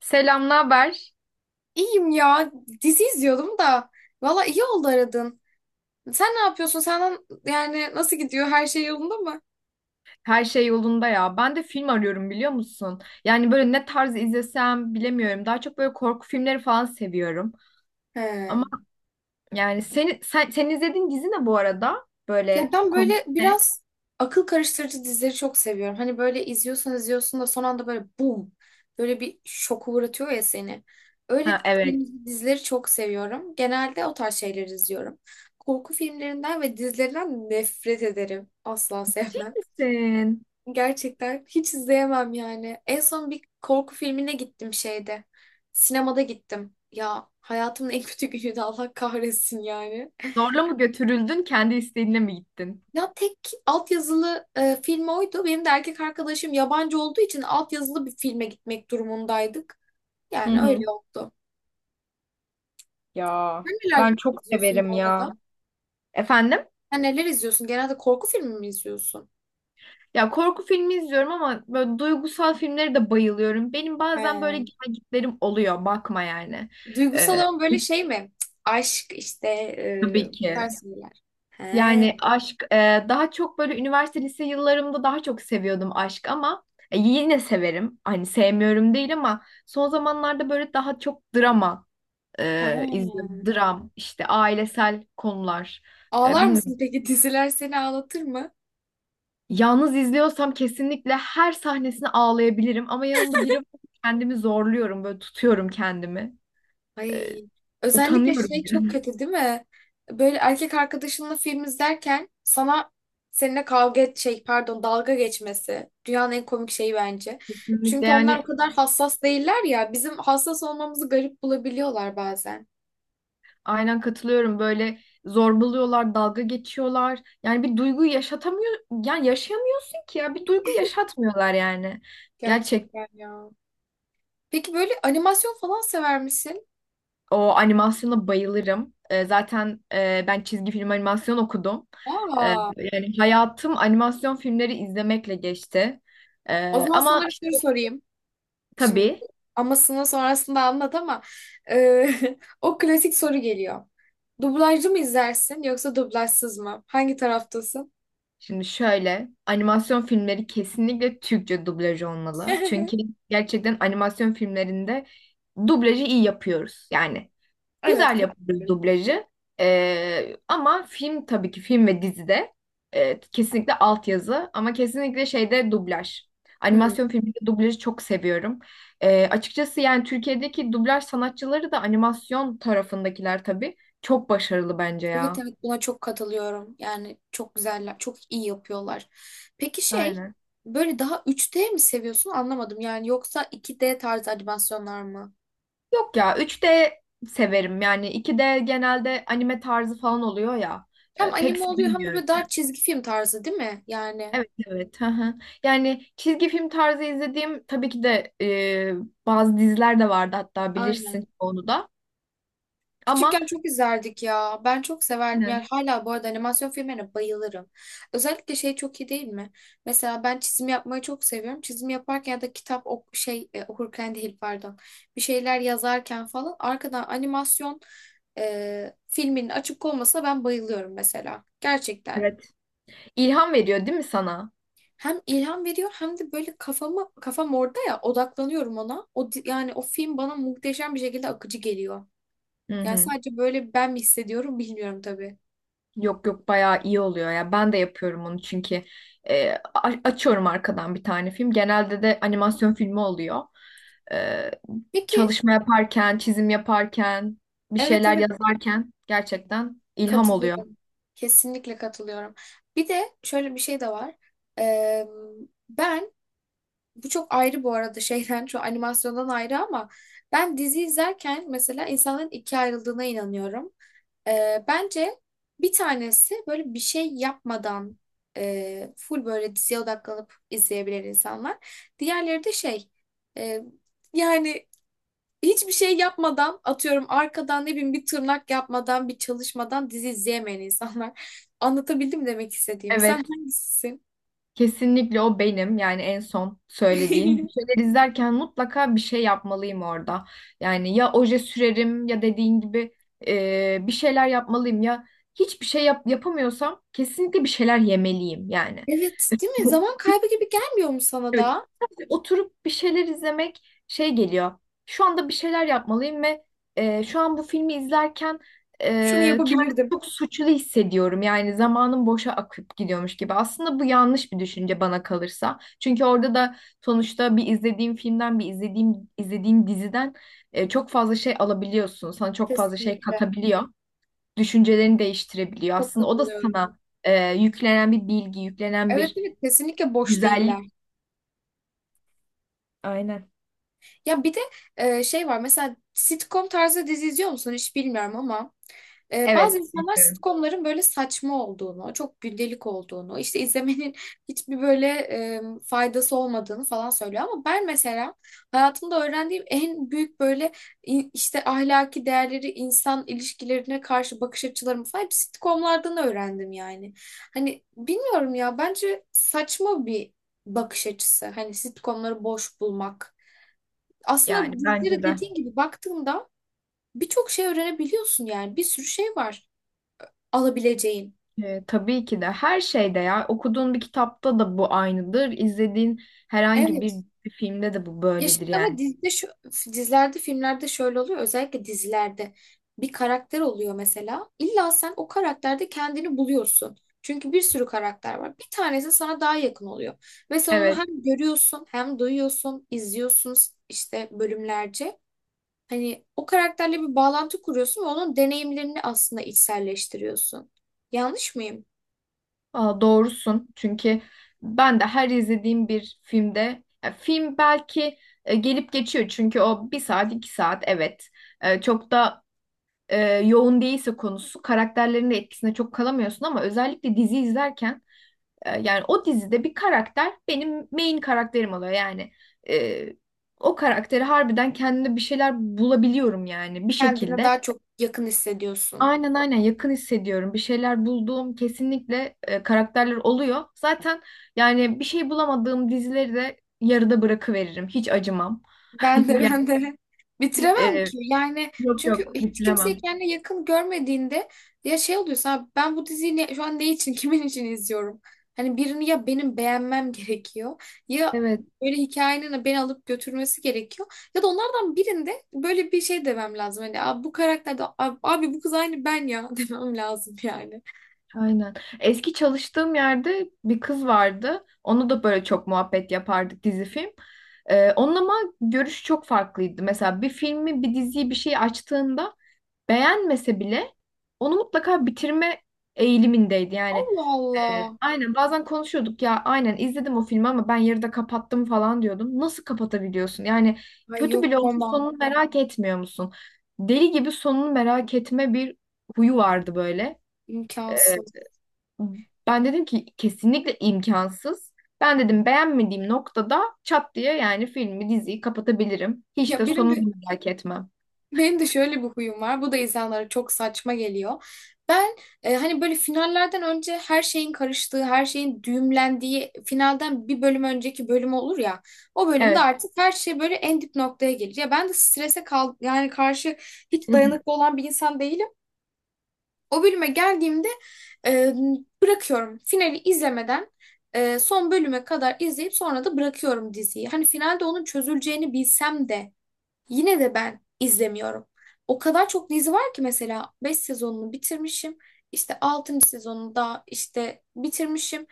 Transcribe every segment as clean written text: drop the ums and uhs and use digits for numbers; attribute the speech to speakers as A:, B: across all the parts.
A: Selam, ne haber?
B: İyiyim ya. Dizi izliyordum da. Valla iyi oldu aradın. Sen ne yapıyorsun? Senden yani nasıl gidiyor? Her şey yolunda mı?
A: Her şey yolunda ya. Ben de film arıyorum biliyor musun? Yani böyle ne tarz izlesem bilemiyorum. Daha çok böyle korku filmleri falan seviyorum.
B: He.
A: Ama yani sen izlediğin dizi ne bu arada?
B: Ya
A: Böyle
B: ben
A: konusu
B: böyle
A: ne?
B: biraz akıl karıştırıcı dizileri çok seviyorum. Hani böyle izliyorsun izliyorsun da son anda böyle bum. Böyle bir şoku uğratıyor ya seni. Öyle
A: Ha, evet.
B: dizileri çok seviyorum. Genelde o tarz şeyleri izliyorum. Korku filmlerinden ve dizilerinden nefret ederim. Asla sevmem.
A: Sen
B: Gerçekten hiç izleyemem yani. En son bir korku filmine gittim şeyde. Sinemada gittim. Ya hayatımın en kötü günüydü Allah kahretsin yani.
A: zorla mı götürüldün, kendi isteğinle mi gittin?
B: Ya tek altyazılı film oydu. Benim de erkek arkadaşım yabancı olduğu için altyazılı bir filme gitmek durumundaydık.
A: Hı
B: Yani
A: hı.
B: öyle oldu.
A: Ya
B: Sen neler
A: ben çok
B: izliyorsun
A: severim
B: bu arada?
A: ya. Efendim?
B: Sen neler izliyorsun? Genelde korku filmi mi izliyorsun?
A: Ya korku filmi izliyorum ama böyle duygusal filmlere de bayılıyorum. Benim bazen böyle
B: He.
A: gelgitlerim oluyor. Bakma yani.
B: Duygusal
A: Ee,
B: olan böyle şey mi? Cık, aşk işte
A: Tabii
B: bu
A: ki.
B: şeyler. He.
A: Yani aşk daha çok böyle üniversite lise yıllarımda daha çok seviyordum aşk ama yine severim. Hani sevmiyorum değil ama son zamanlarda böyle daha çok drama
B: He.
A: izliyorum. Dram işte ailesel konular.
B: Ağlar mısın
A: Bilmiyorum.
B: peki? Diziler seni ağlatır mı?
A: Yalnız izliyorsam kesinlikle her sahnesine ağlayabilirim ama yanımda biri var, kendimi zorluyorum, böyle tutuyorum kendimi. E,
B: Ay. Özellikle
A: Utanıyorum
B: şey çok
A: biraz.
B: kötü değil mi? Böyle erkek arkadaşınla film izlerken sana seninle kavga et şey pardon dalga geçmesi dünyanın en komik şeyi bence.
A: Kesinlikle
B: Çünkü onlar o
A: yani.
B: kadar hassas değiller ya. Bizim hassas olmamızı garip bulabiliyorlar bazen.
A: Aynen katılıyorum. Böyle zorbalıyorlar, dalga geçiyorlar. Yani bir duygu yaşatamıyor, yani yaşayamıyorsun ki ya. Bir duygu yaşatmıyorlar yani. Gerçek,
B: Gerçekten ya. Peki böyle animasyon falan sever misin?
A: o animasyona bayılırım. Zaten ben çizgi film animasyon okudum. Ee,
B: Aa,
A: Yani hayatım animasyon filmleri izlemekle geçti.
B: o zaman sana
A: Ama
B: bir soru
A: işte
B: sorayım. Şimdi
A: tabii,
B: bu amasını sonrasında anlat ama e, o klasik soru geliyor. Dublajlı mı izlersin yoksa dublajsız mı? Hangi taraftasın?
A: şimdi şöyle animasyon filmleri kesinlikle Türkçe dublaj olmalı. Çünkü gerçekten animasyon filmlerinde dublajı iyi yapıyoruz. Yani
B: Evet
A: güzel yapıyoruz
B: katılıyorum.
A: dublajı. Ama film, tabii ki film ve dizide kesinlikle altyazı ama kesinlikle şeyde dublaj.
B: Hmm.
A: Animasyon filminde dublajı çok seviyorum. Açıkçası yani Türkiye'deki dublaj sanatçıları da animasyon tarafındakiler tabii çok başarılı bence
B: Evet,
A: ya.
B: evet, buna çok katılıyorum. Yani çok güzeller, çok iyi yapıyorlar. Peki şey
A: Aynen.
B: böyle daha 3D mi seviyorsun anlamadım. Yani yoksa 2D tarzı animasyonlar mı?
A: Yok ya, üç d severim, yani iki d genelde anime tarzı falan oluyor ya,
B: Hem
A: pek
B: anime oluyor hem de böyle daha
A: sevmiyorum.
B: çizgi film tarzı değil mi? Yani
A: Evet evet. Hı hı. Yani çizgi film tarzı izlediğim, tabii ki de bazı diziler de vardı hatta,
B: aynen.
A: bilirsin onu da. Ama
B: Küçükken çok izlerdik ya. Ben çok severdim.
A: aynen.
B: Yani hala bu arada animasyon filmlerine bayılırım. Özellikle şey çok iyi değil mi? Mesela ben çizim yapmayı çok seviyorum. Çizim yaparken ya da kitap okurken değil pardon. Bir şeyler yazarken falan arkadan animasyon filminin açık olmasına ben bayılıyorum mesela. Gerçekten.
A: Evet, ilham veriyor değil mi sana?
B: Hem ilham veriyor hem de böyle kafam orada ya odaklanıyorum ona. Yani o film bana muhteşem bir şekilde akıcı geliyor.
A: Hı
B: Yani
A: hı.
B: sadece böyle ben mi hissediyorum bilmiyorum tabii.
A: Yok yok, bayağı iyi oluyor ya. Ben de yapıyorum onu çünkü açıyorum arkadan bir tane film. Genelde de animasyon filmi oluyor. E,
B: Peki,
A: Çalışma yaparken, çizim yaparken, bir
B: evet,
A: şeyler
B: evet,
A: yazarken gerçekten ilham oluyor.
B: katılıyorum. Kesinlikle katılıyorum. Bir de şöyle bir şey de var. Ee, ben bu çok ayrı bu arada şeyden şu animasyondan ayrı ama ben dizi izlerken mesela insanların ikiye ayrıldığına inanıyorum. Bence bir tanesi böyle bir şey yapmadan full böyle diziye odaklanıp izleyebilen insanlar. Diğerleri de şey e, yani hiçbir şey yapmadan atıyorum arkadan ne bileyim bir tırnak yapmadan bir çalışmadan dizi izleyemeyen insanlar. Anlatabildim mi demek istediğimi. Sen
A: Evet.
B: hangisisin?
A: Kesinlikle o benim, yani en son söylediğin. Bir şeyler izlerken mutlaka bir şey yapmalıyım orada. Yani ya oje sürerim, ya dediğin gibi bir şeyler yapmalıyım, ya hiçbir şey yapamıyorsam kesinlikle bir şeyler yemeliyim yani.
B: Evet, değil mi? Zaman kaybı gibi gelmiyor mu sana
A: Evet.
B: da?
A: Sadece oturup bir şeyler izlemek şey geliyor. Şu anda bir şeyler yapmalıyım ve şu an bu filmi izlerken e,
B: Şunu
A: kendimi
B: yapabilirdim.
A: çok suçlu hissediyorum. Yani zamanım boşa akıp gidiyormuş gibi. Aslında bu yanlış bir düşünce bana kalırsa. Çünkü orada da sonuçta bir izlediğim filmden, bir izlediğin diziden çok fazla şey alabiliyorsun. Sana çok fazla şey
B: Kesinlikle.
A: katabiliyor. Düşüncelerini değiştirebiliyor.
B: Çok
A: Aslında o da
B: katılıyorum.
A: sana yüklenen bir bilgi, yüklenen
B: Evet,
A: bir
B: evet, kesinlikle boş değiller.
A: güzellik. Aynen.
B: Ya bir de şey var mesela sitcom tarzı dizi izliyor musun? Hiç bilmiyorum ama. Bazı
A: Evet,
B: insanlar
A: diyorum.
B: sitcomların böyle saçma olduğunu, çok gündelik olduğunu, işte izlemenin hiçbir böyle faydası olmadığını falan söylüyor. Ama ben mesela hayatımda öğrendiğim en büyük böyle işte ahlaki değerleri, insan ilişkilerine karşı bakış açılarımı falan hep sitcomlardan öğrendim yani. Hani bilmiyorum ya bence saçma bir bakış açısı. Hani sitcomları boş bulmak.
A: Yani
B: Aslında
A: bence
B: dizilere
A: de.
B: dediğin gibi baktığında birçok şey öğrenebiliyorsun yani bir sürü şey var alabileceğin.
A: Tabii ki de, her şeyde ya, okuduğun bir kitapta da bu aynıdır. İzlediğin herhangi bir
B: Evet.
A: filmde de bu
B: Ya şimdi
A: böyledir
B: ama
A: yani.
B: dizide şu, dizilerde, filmlerde şöyle oluyor. Özellikle dizilerde bir karakter oluyor mesela. İlla sen o karakterde kendini buluyorsun. Çünkü bir sürü karakter var. Bir tanesi sana daha yakın oluyor. Ve sen onu
A: Evet,
B: hem görüyorsun, hem duyuyorsun, izliyorsun işte bölümlerce. Hani o karakterle bir bağlantı kuruyorsun ve onun deneyimlerini aslında içselleştiriyorsun. Yanlış mıyım?
A: aa, doğrusun. Çünkü ben de her izlediğim bir filmde, ya film belki gelip geçiyor. Çünkü o bir saat, iki saat evet. Çok da e, yoğun değilse konusu, karakterlerin de etkisinde çok kalamıyorsun ama özellikle dizi izlerken yani o dizide bir karakter benim main karakterim oluyor yani. E, O karakteri harbiden, kendimde bir şeyler bulabiliyorum yani bir
B: Kendine
A: şekilde.
B: daha çok yakın hissediyorsun.
A: Aynen aynen, yakın hissediyorum. Bir şeyler bulduğum kesinlikle karakterler oluyor. Zaten yani bir şey bulamadığım dizileri de yarıda bırakıveririm. Hiç acımam.
B: Ben de
A: Yani
B: ben de bitiremem
A: e,
B: ki. Yani
A: yok yok,
B: çünkü hiç kimseyi
A: bitiremem.
B: kendine yakın görmediğinde ya şey oluyorsun abi ben bu diziyi şu an ne için kimin için izliyorum? Hani birini ya benim beğenmem gerekiyor ya
A: Evet.
B: böyle hikayenin beni alıp götürmesi gerekiyor. Ya da onlardan birinde böyle bir şey demem lazım. Hani abi bu karakterde abi bu kız aynı ben ya demem lazım yani.
A: Aynen. Eski çalıştığım yerde bir kız vardı. Onu da böyle çok muhabbet yapardık dizi film. Onun ama görüşü çok farklıydı. Mesela bir filmi, bir diziyi, bir şeyi açtığında beğenmese bile onu mutlaka bitirme eğilimindeydi. Yani
B: Allah Allah.
A: aynen, bazen konuşuyorduk ya, aynen izledim o filmi ama ben yarıda kapattım falan diyordum. Nasıl kapatabiliyorsun? Yani
B: Ay
A: kötü
B: yok
A: bile olsa
B: koma
A: sonunu merak etmiyor musun? Deli gibi sonunu merak etme bir huyu vardı böyle.
B: imkansız.
A: Ben dedim ki kesinlikle imkansız. Ben dedim beğenmediğim noktada çat diye yani filmi, diziyi kapatabilirim. Hiç
B: Ya
A: de
B: benim bir
A: sonunu merak etmem.
B: Benim de şöyle bir huyum var. Bu da insanlara çok saçma geliyor. Ben hani böyle finallerden önce her şeyin karıştığı, her şeyin düğümlendiği finalden bir bölüm önceki bölüm olur ya. O bölümde
A: Evet.
B: artık her şey böyle en dip noktaya gelir. Ya ben de strese kal yani karşı hiç dayanıklı olan bir insan değilim. O bölüme geldiğimde e, bırakıyorum. Finali izlemeden son bölüme kadar izleyip sonra da bırakıyorum diziyi. Hani finalde onun çözüleceğini bilsem de yine de ben izlemiyorum. O kadar çok dizi var ki mesela 5 sezonunu bitirmişim. İşte altıncı sezonunu da işte bitirmişim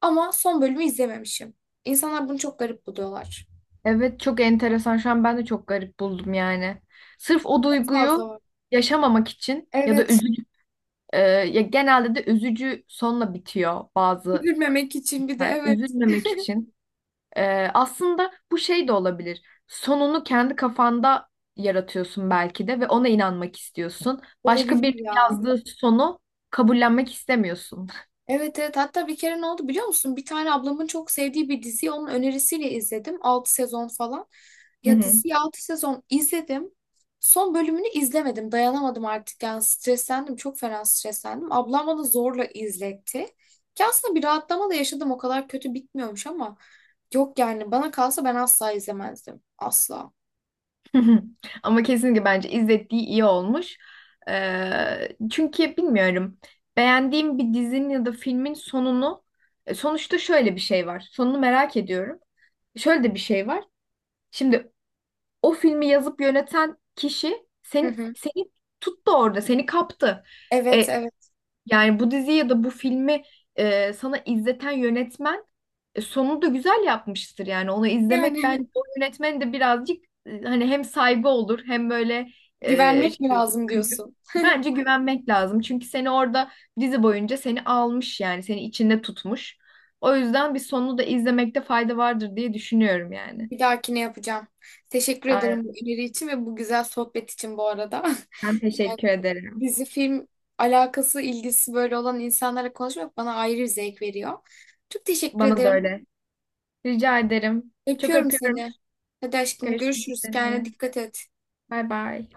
B: ama son bölümü izlememişim. İnsanlar bunu çok garip buluyorlar.
A: Evet, çok enteresan. Şu an ben de çok garip buldum yani. Sırf o
B: Fazla
A: duyguyu
B: var.
A: yaşamamak için ya da
B: Evet,
A: üzücü, ya genelde de üzücü sonla bitiyor bazı.
B: üzülmemek için bir de
A: Yani
B: evet
A: üzülmemek için. Aslında bu şey de olabilir. Sonunu kendi kafanda yaratıyorsun belki de ve ona inanmak istiyorsun. Başka
B: olabilir
A: bir
B: ya.
A: yazdığı sonu kabullenmek istemiyorsun.
B: Evet, evet, hatta bir kere ne oldu biliyor musun? Bir tane ablamın çok sevdiği bir diziyi onun önerisiyle izledim. 6 sezon falan.
A: Hı
B: Ya
A: hı.
B: diziyi 6 sezon izledim. Son bölümünü izlemedim. Dayanamadım artık yani streslendim. Çok fena streslendim. Ablam bana zorla izletti. Ki aslında bir rahatlama da yaşadım. O kadar kötü bitmiyormuş ama yok yani bana kalsa ben asla izlemezdim. Asla.
A: Ama kesinlikle bence izlettiği iyi olmuş. Çünkü bilmiyorum. Beğendiğim bir dizinin ya da filmin sonunu sonuçta şöyle bir şey var. Sonunu merak ediyorum. Şöyle de bir şey var. Şimdi o filmi yazıp yöneten kişi
B: Hı
A: seni,
B: hı.
A: seni tuttu orada, seni kaptı.
B: Evet,
A: E,
B: evet.
A: Yani bu diziyi ya da bu filmi sana izleten yönetmen sonunu da güzel yapmıştır. Yani onu
B: Yani
A: izlemek bence
B: evet.
A: o yönetmenin de birazcık, hani, hem saygı olur hem böyle e,
B: Güvenmek mi
A: şey,
B: lazım
A: gü-
B: diyorsun?
A: bence güvenmek lazım. Çünkü seni dizi boyunca almış, yani seni içinde tutmuş. O yüzden bir sonunu da izlemekte fayda vardır diye düşünüyorum yani.
B: Bir dahakine yapacağım. Teşekkür ederim bu
A: Aynen.
B: öneri için ve bu güzel sohbet için bu arada.
A: Ben teşekkür ederim.
B: Dizi film alakası, ilgisi böyle olan insanlara konuşmak bana ayrı bir zevk veriyor. Çok teşekkür
A: Bana da
B: ederim.
A: öyle. Rica ederim. Çok
B: Öpüyorum
A: öpüyorum.
B: seni. Hadi aşkım
A: Görüşmek
B: görüşürüz.
A: üzere.
B: Kendine dikkat et.
A: Bay bay.